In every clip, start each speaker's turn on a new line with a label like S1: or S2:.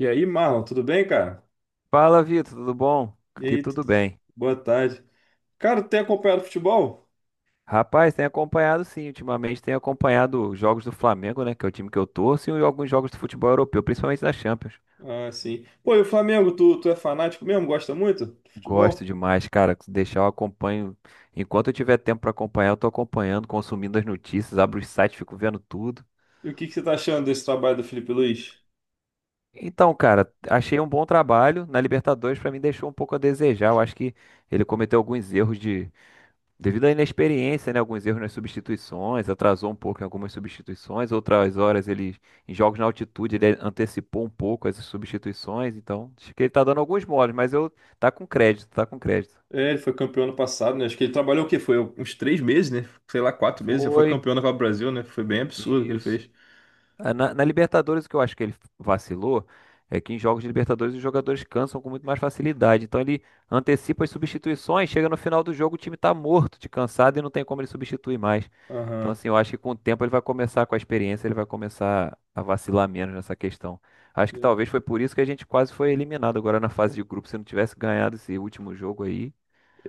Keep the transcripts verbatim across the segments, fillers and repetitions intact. S1: E aí, Marlon, tudo bem, cara?
S2: Fala, Vitor, tudo bom?
S1: E
S2: Aqui
S1: aí, tu-
S2: tudo bem.
S1: boa tarde. Cara, tu tem acompanhado futebol?
S2: Rapaz, tem acompanhado sim, ultimamente tem acompanhado os jogos do Flamengo, né, que é o time que eu torço, e alguns jogos do futebol europeu, principalmente da Champions.
S1: Ah, sim. Pô, e o Flamengo, tu, tu é fanático mesmo? Gosta muito de
S2: Gosto
S1: futebol?
S2: demais, cara, se deixar eu acompanho. Enquanto eu tiver tempo pra acompanhar, eu tô acompanhando, consumindo as notícias, abro os sites, fico vendo tudo.
S1: E o que que você tá achando desse trabalho do Felipe Luiz?
S2: Então, cara, achei um bom trabalho na Libertadores, pra mim deixou um pouco a desejar. Eu acho que ele cometeu alguns erros de devido à inexperiência, né, alguns erros nas substituições, atrasou um pouco em algumas substituições, outras horas ele, em jogos na altitude, ele antecipou um pouco as substituições, então acho que ele tá dando alguns moles, mas eu tá com crédito, tá com crédito.
S1: É, ele foi campeão ano passado, né? Acho que ele trabalhou o quê? Foi uns três meses, né? Sei lá, quatro meses, já foi
S2: Foi.
S1: campeão da Copa do Brasil, né? Foi bem absurdo o que ele
S2: Isso.
S1: fez.
S2: Ah, Na, na Libertadores, o que eu acho que ele vacilou é que em jogos de Libertadores os jogadores cansam com muito mais facilidade. Então ele antecipa as substituições, chega no final do jogo, o time tá morto de cansado e não tem como ele substituir mais. Então,
S1: Aham.
S2: assim, eu acho que com o tempo ele vai começar, com a experiência, ele vai começar a vacilar menos nessa questão. Acho que
S1: É,
S2: talvez foi por isso que a gente quase foi eliminado agora na fase de grupo. Se não tivesse ganhado esse último jogo aí,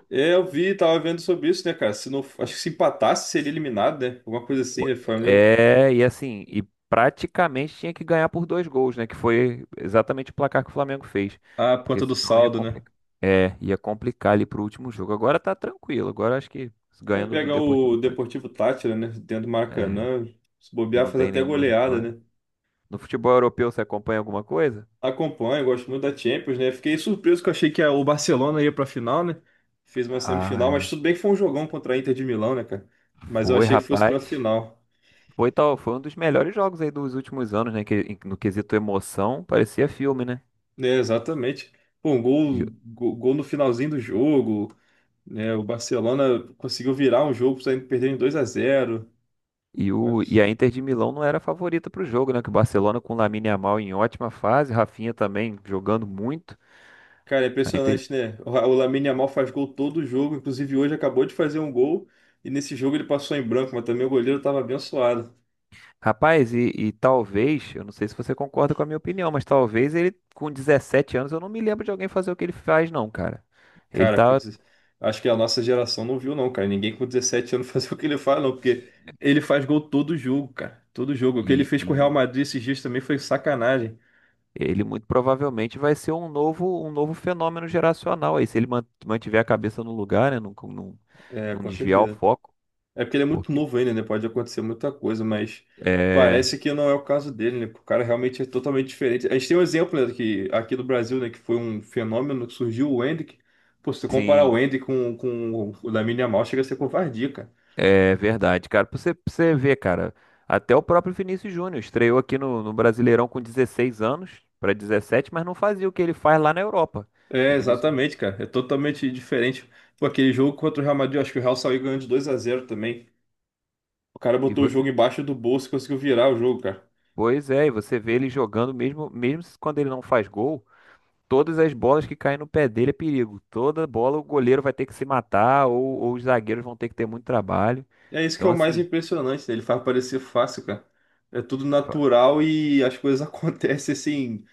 S1: é, eu vi, tava vendo sobre isso, né, cara? Se não, acho que se empatasse, seria eliminado, né? Alguma coisa assim, né? Flamengo.
S2: é, e assim, e praticamente tinha que ganhar por dois gols, né? Que foi exatamente o placar que o Flamengo fez.
S1: Ah, por
S2: Porque
S1: conta do
S2: senão ia
S1: saldo, né?
S2: complicar. É, ia complicar ali pro último jogo. Agora tá tranquilo. Agora acho que
S1: É
S2: ganhando do
S1: pegar o
S2: Deportivo Tátira.
S1: Deportivo Táchira, né? Dentro do
S2: É,
S1: Maracanã. Se
S2: que
S1: bobear,
S2: não
S1: faz
S2: tem
S1: até
S2: nenhuma
S1: goleada,
S2: vitória.
S1: né?
S2: No futebol europeu você acompanha alguma coisa?
S1: Acompanho, gosto muito da Champions, né? Fiquei surpreso que eu achei que a- o Barcelona ia pra final, né? Fez uma
S2: Ah,
S1: semifinal, mas
S2: é.
S1: tudo bem que foi um jogão contra a Inter de Milão, né, cara? Mas eu
S2: Foi,
S1: achei que fosse
S2: rapaz.
S1: pra final.
S2: Foi tal, foi um dos melhores jogos aí dos últimos anos, né? Que, em- no quesito emoção, parecia filme, né?
S1: Né, exatamente. Pô, um gol, gol, gol no finalzinho do jogo, né? O Barcelona conseguiu virar um jogo, saindo perdendo dois a zero.
S2: E, o, e a Inter de Milão não era a favorita para o jogo, né? Que o Barcelona com o Lamine Yamal em ótima fase, Rafinha também jogando muito.
S1: Cara, é
S2: A Inter.
S1: impressionante, né? O o Lamine Yamal faz gol todo jogo, inclusive hoje acabou de fazer um gol e nesse jogo ele passou em branco, mas também o goleiro tava abençoado.
S2: Rapaz, e, e talvez, eu não sei se você concorda com a minha opinião, mas talvez ele com dezessete anos, eu não me lembro de alguém fazer o que ele faz, não, cara. Ele
S1: Cara, com
S2: tá.
S1: deze- acho que a nossa geração não viu não, cara. Ninguém com dezessete anos faz o que ele faz, não, porque ele faz gol todo jogo, cara. Todo jogo. O que ele
S2: E,
S1: fez
S2: e
S1: com o Real Madrid esses dias também foi sacanagem.
S2: ele muito provavelmente vai ser um novo, um novo, fenômeno geracional aí, se ele man- mantiver a cabeça no lugar, né? Não, não,
S1: É,
S2: não
S1: com
S2: desviar o
S1: certeza.
S2: foco.
S1: É porque ele é muito
S2: Porque,
S1: novo ainda, né? Pode acontecer muita coisa, mas
S2: é,
S1: parece que não é o caso dele, né? Porque o cara realmente é totalmente diferente. A gente tem um exemplo, né, que, aqui do Brasil, né? Que foi um fenômeno que surgiu o Endrick. Pô, se você comparar
S2: sim.
S1: o Endrick com, com o Lamine Yamal, chega a ser covardia, cara.
S2: É verdade, cara. Pra você, pra você ver, cara, até o próprio Vinícius Júnior estreou aqui no, no, Brasileirão com dezesseis anos para dezessete, mas não fazia o que ele faz lá na Europa. O
S1: É,
S2: Vinícius.
S1: exatamente, cara. É totalmente diferente. Pô, aquele jogo contra o Real Madrid, eu acho que o Real saiu ganhando de dois a zero também. O cara
S2: E
S1: botou o jogo
S2: você,
S1: embaixo do bolso e conseguiu virar o jogo, cara.
S2: pois é, e você vê ele jogando mesmo, mesmo se- quando ele não faz gol, todas as bolas que caem no pé dele é perigo. Toda bola o goleiro vai ter que se matar ou, ou os zagueiros vão ter que ter muito trabalho.
S1: É isso que é
S2: Então
S1: o mais
S2: assim,
S1: impressionante, né? Ele faz parecer fácil, cara. É tudo
S2: fa-
S1: natural e as coisas acontecem assim,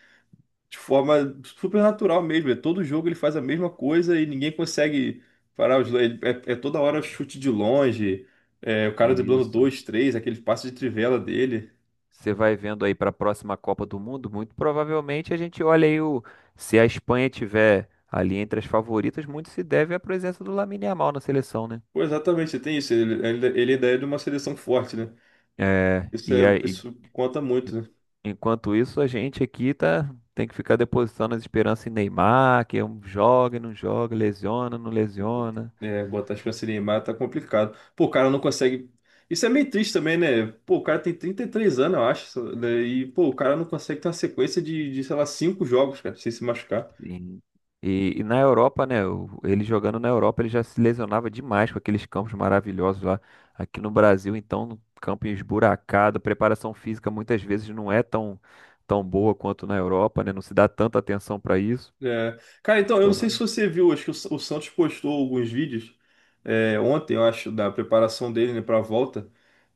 S1: de forma super natural mesmo. É todo jogo ele faz a mesma coisa e ninguém consegue parar os dois. É, é toda hora chute de longe, é, o cara driblando
S2: isso.
S1: dois, três, aquele passe de trivela dele.
S2: Você vai vendo aí para a próxima Copa do Mundo, muito provavelmente a gente olha aí o se a Espanha tiver ali entre as favoritas, muito se deve à presença do Lamine Yamal na seleção, né?
S1: Pô, exatamente, tem isso. Ele, ele, ele ainda é de uma seleção forte, né?
S2: É,
S1: Isso,
S2: e
S1: é,
S2: aí,
S1: isso conta muito, né?
S2: enquanto isso, a gente aqui tá tem que ficar depositando as esperanças em Neymar, que é um joga e não joga, lesiona, não lesiona.
S1: É, botar as pra se tá complicado. Pô, o cara não consegue. Isso é meio triste também, né? Pô, o cara tem trinta e três anos, eu acho, né? E, pô, o cara não consegue ter uma sequência de, de, sei lá, cinco jogos, cara, sem se machucar.
S2: Sim. E, e na Europa, né? o- Ele jogando na Europa, ele já se lesionava demais com aqueles campos maravilhosos lá. Aqui no Brasil, então, no campo esburacado, a preparação física muitas vezes não é tão, tão, boa quanto na Europa, né? Não se dá tanta atenção para isso.
S1: É. Cara, então, eu não sei se
S2: Então,
S1: você viu, acho que o, Sa- o Santos postou alguns vídeos é, ontem, eu acho, da preparação dele, né, pra volta.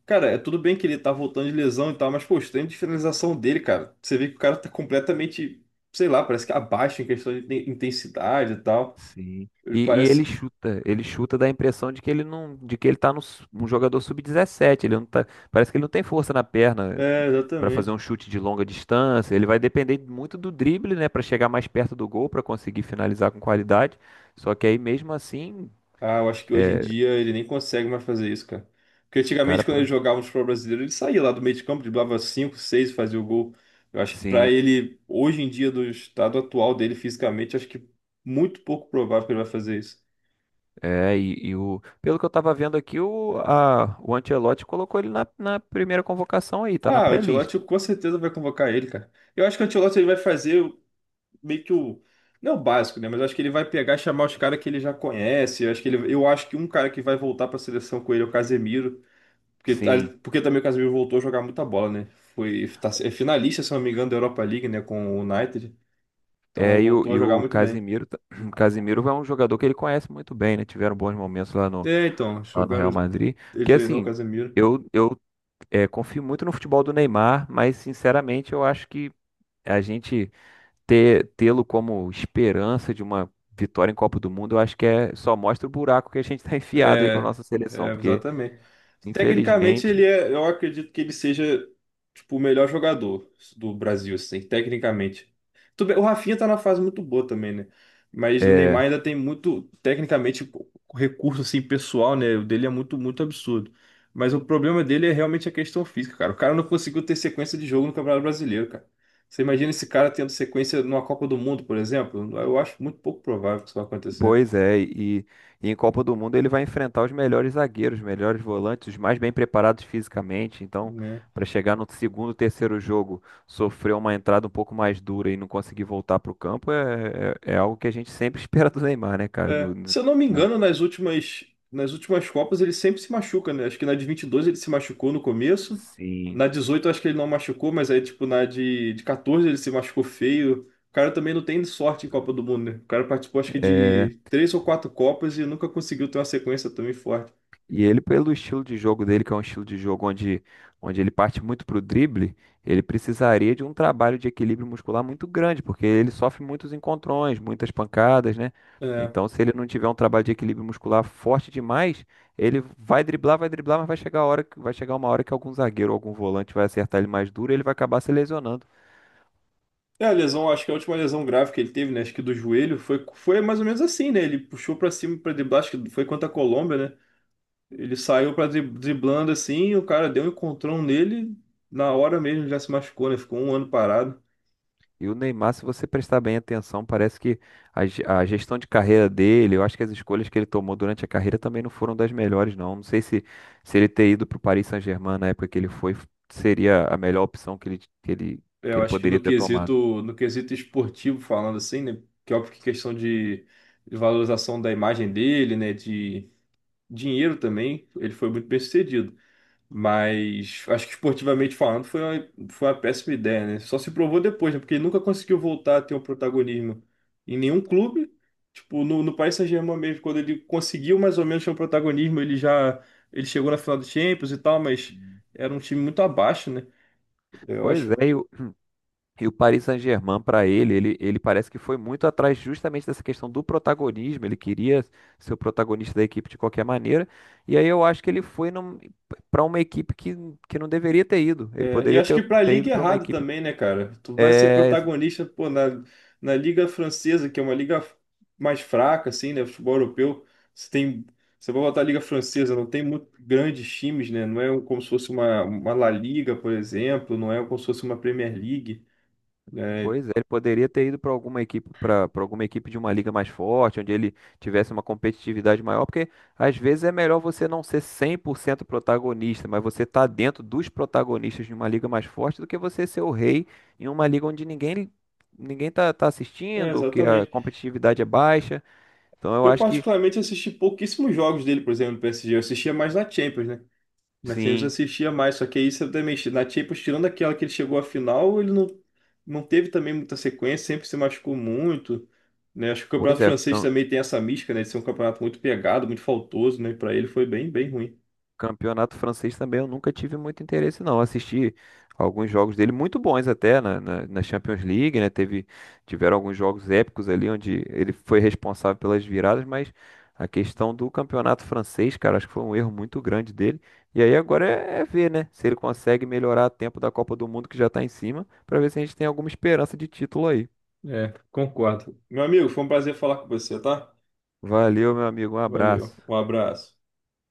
S1: Cara, é tudo bem que ele tá voltando de lesão e tal, mas, pô, os treinos de finalização dele, cara. Você vê que o cara tá completamente, sei lá, parece que abaixo em questão de inten- intensidade e tal.
S2: sim.
S1: Ele
S2: E, e
S1: parece.
S2: ele chuta, ele chuta dá a impressão de que ele não, de que ele tá no, su- um jogador sub dezessete, ele não tá, parece que ele não tem força na perna
S1: É,
S2: para fazer
S1: exatamente.
S2: um chute de longa distância, ele vai depender muito do drible, né, para chegar mais perto do gol, para conseguir finalizar com qualidade. Só que aí mesmo assim,
S1: Ah, eu acho que hoje em
S2: é,
S1: dia ele nem consegue mais fazer isso, cara. Porque
S2: um
S1: antigamente,
S2: cara
S1: quando ele
S2: para
S1: jogava no futebol brasileiro, ele saía lá do meio de campo, driblava cinco, seis, fazia o gol. Eu acho que pra
S2: sim,
S1: ele, hoje em dia, do estado atual dele fisicamente, acho que muito pouco provável que ele vai fazer isso.
S2: é, e, e o, pelo que eu tava vendo aqui, o, a, o Ancelotti colocou ele na, na primeira convocação aí, tá na
S1: Ah, o
S2: pré-lista.
S1: Ancelotti com certeza vai convocar ele, cara. Eu acho que o Ancelotti ele vai fazer o- meio que o. Não é o básico, né? Mas eu acho que ele vai pegar e chamar os caras que ele já conhece. Eu acho que ele, eu acho que um cara que vai voltar pra seleção com ele é o Casemiro. Porque,
S2: Sim,
S1: porque também o Casemiro voltou a jogar muita bola, né? Foi, tá, é finalista, se não me engano, da Europa League, né? Com o United. Então
S2: é, e o,
S1: voltou a
S2: e
S1: jogar
S2: o
S1: muito bem.
S2: Casimiro, ta- Casimiro é um jogador que ele conhece muito bem, né? Tiveram bons momentos lá no,
S1: É, então,
S2: lá no
S1: jogaram.
S2: Real Madrid.
S1: Ele
S2: Porque
S1: treinou o
S2: assim,
S1: Casemiro.
S2: eu, eu é, confio muito no futebol do Neymar, mas sinceramente eu acho que a gente ter, tê-lo como esperança de uma vitória em Copa do Mundo, eu acho que é, só mostra o buraco que a gente está enfiado aí com a
S1: É,
S2: nossa seleção,
S1: é,
S2: porque
S1: exatamente. Tecnicamente, ele
S2: infelizmente.
S1: é, eu acredito que ele seja, tipo, o melhor jogador do Brasil, assim, tecnicamente. Tudo bem, o Rafinha tá na fase muito boa também, né? Mas o Neymar
S2: É,
S1: ainda tem muito, tecnicamente, recurso, assim, pessoal, né? O dele é muito, muito absurdo. Mas o problema dele é realmente a questão física, cara. O cara não conseguiu ter sequência de jogo no Campeonato Brasileiro, cara. Você imagina esse cara tendo sequência numa Copa do Mundo, por exemplo? Eu acho muito pouco provável que isso vai acontecer,
S2: pois é, e, e em Copa do Mundo ele vai enfrentar os melhores zagueiros, os melhores volantes, os mais bem preparados fisicamente. Então,
S1: né?
S2: para chegar no segundo, terceiro jogo, sofrer uma entrada um pouco mais dura e não conseguir voltar para o campo é, é, é, algo que a gente sempre espera do Neymar, né, cara?
S1: É,
S2: No- no-
S1: se eu não me
S2: no-
S1: engano, nas últimas, nas últimas Copas ele sempre se machuca, né? Acho que na de vinte e dois ele se machucou no começo.
S2: sim.
S1: Na dezoito acho que ele não machucou, mas aí, tipo, na de, de catorze ele se machucou feio. O cara também não tem sorte em Copa do Mundo, né? O cara participou, acho que, de três ou quatro Copas e nunca conseguiu ter uma sequência também forte.
S2: E ele, pelo estilo de jogo dele, que é um estilo de jogo onde, onde ele parte muito pro drible, ele precisaria de um trabalho de equilíbrio muscular muito grande, porque ele sofre muitos encontrões, muitas pancadas, né?
S1: É.
S2: Então, se ele não tiver um trabalho de equilíbrio muscular forte demais, ele vai driblar, vai driblar, mas vai chegar a hora, que- vai chegar uma hora que algum zagueiro, ou algum volante vai acertar ele mais duro, e ele vai acabar se lesionando.
S1: É, a lesão, acho que a última lesão grave que ele teve, né? Acho que do joelho, foi, foi mais ou menos assim, né? Ele puxou pra cima, pra driblar, acho que foi contra a Colômbia, né? Ele saiu pra dri- driblando assim, o cara deu um encontrão nele, na hora mesmo já se machucou, né? Ficou um ano parado.
S2: E o Neymar, se você prestar bem atenção, parece que a, ge- a gestão de carreira dele, eu acho que as escolhas que ele tomou durante a carreira também não foram das melhores, não. Não sei se, se ele ter ido para o Paris Saint-Germain na época que ele foi, seria a melhor opção que ele, que ele,
S1: É,
S2: que
S1: eu
S2: ele
S1: acho que
S2: poderia
S1: no
S2: ter tomado.
S1: quesito, no quesito esportivo falando assim, né? Que é óbvio que questão de, de valorização da imagem dele, né? De dinheiro também, ele foi muito bem-sucedido. Mas acho que esportivamente falando foi uma, foi uma péssima ideia, né? Só se provou depois, né? Porque ele nunca conseguiu voltar a ter um protagonismo em nenhum clube. Tipo, no, no Paris Saint-Germain mesmo, quando ele conseguiu mais ou menos ter um protagonismo, ele já ele chegou na final do Champions e tal, mas era um time muito abaixo, né? Eu
S2: Pois
S1: acho
S2: é, e o- E o Paris Saint-Germain, para ele, ele, ele, parece que foi muito atrás justamente dessa questão do protagonismo. Ele queria ser o protagonista da equipe de qualquer maneira. E aí eu acho que ele foi para uma equipe que, que não deveria ter ido. Ele
S1: É, e
S2: poderia
S1: acho
S2: ter,
S1: que pra
S2: ter
S1: liga
S2: ido
S1: é
S2: para uma
S1: errado
S2: equipe
S1: também, né, cara? Tu vai ser
S2: eh,
S1: protagonista, pô, na, na Liga Francesa, que é uma liga mais fraca, assim, né? Futebol europeu. Você tem, você vai botar a Liga Francesa, não tem muito grandes times, né? Não é um, como se fosse uma, uma La Liga, por exemplo, não é como se fosse uma Premier League, né?
S2: pois é, ele poderia ter ido para alguma equipe, para alguma equipe, de uma liga mais forte, onde ele tivesse uma competitividade maior, porque às vezes é melhor você não ser cem por cento protagonista, mas você tá dentro dos protagonistas de uma liga mais forte do que você ser o rei em uma liga onde ninguém ninguém tá, tá
S1: É,
S2: assistindo, que a
S1: exatamente.
S2: competitividade é baixa. Então eu
S1: Eu,
S2: acho que
S1: particularmente, assisti pouquíssimos jogos dele, por exemplo, no P S G. Eu assistia mais na Champions, né? Na Champions eu
S2: sim,
S1: assistia mais, só que aí você também, na Champions, tirando aquela que ele chegou à final, ele não, não teve também muita sequência, sempre se machucou muito, né? Acho que o
S2: pois
S1: campeonato
S2: é,
S1: francês também tem essa mística, né, de ser um campeonato muito pegado, muito faltoso, né? Para ele foi bem, bem ruim.
S2: campeonato francês também eu nunca tive muito interesse, não. Assisti alguns jogos dele, muito bons até, na, na, na Champions League, né? Teve, tiveram alguns jogos épicos ali, onde ele foi responsável pelas viradas, mas a questão do campeonato francês, cara, acho que foi um erro muito grande dele. E aí agora é, é, ver, né? Se ele consegue melhorar a tempo da Copa do Mundo, que já tá em cima, pra ver se a gente tem alguma esperança de título aí.
S1: É, concordo. Meu amigo, foi um prazer falar com você, tá?
S2: Valeu, meu amigo, um
S1: Valeu,
S2: abraço.
S1: um abraço.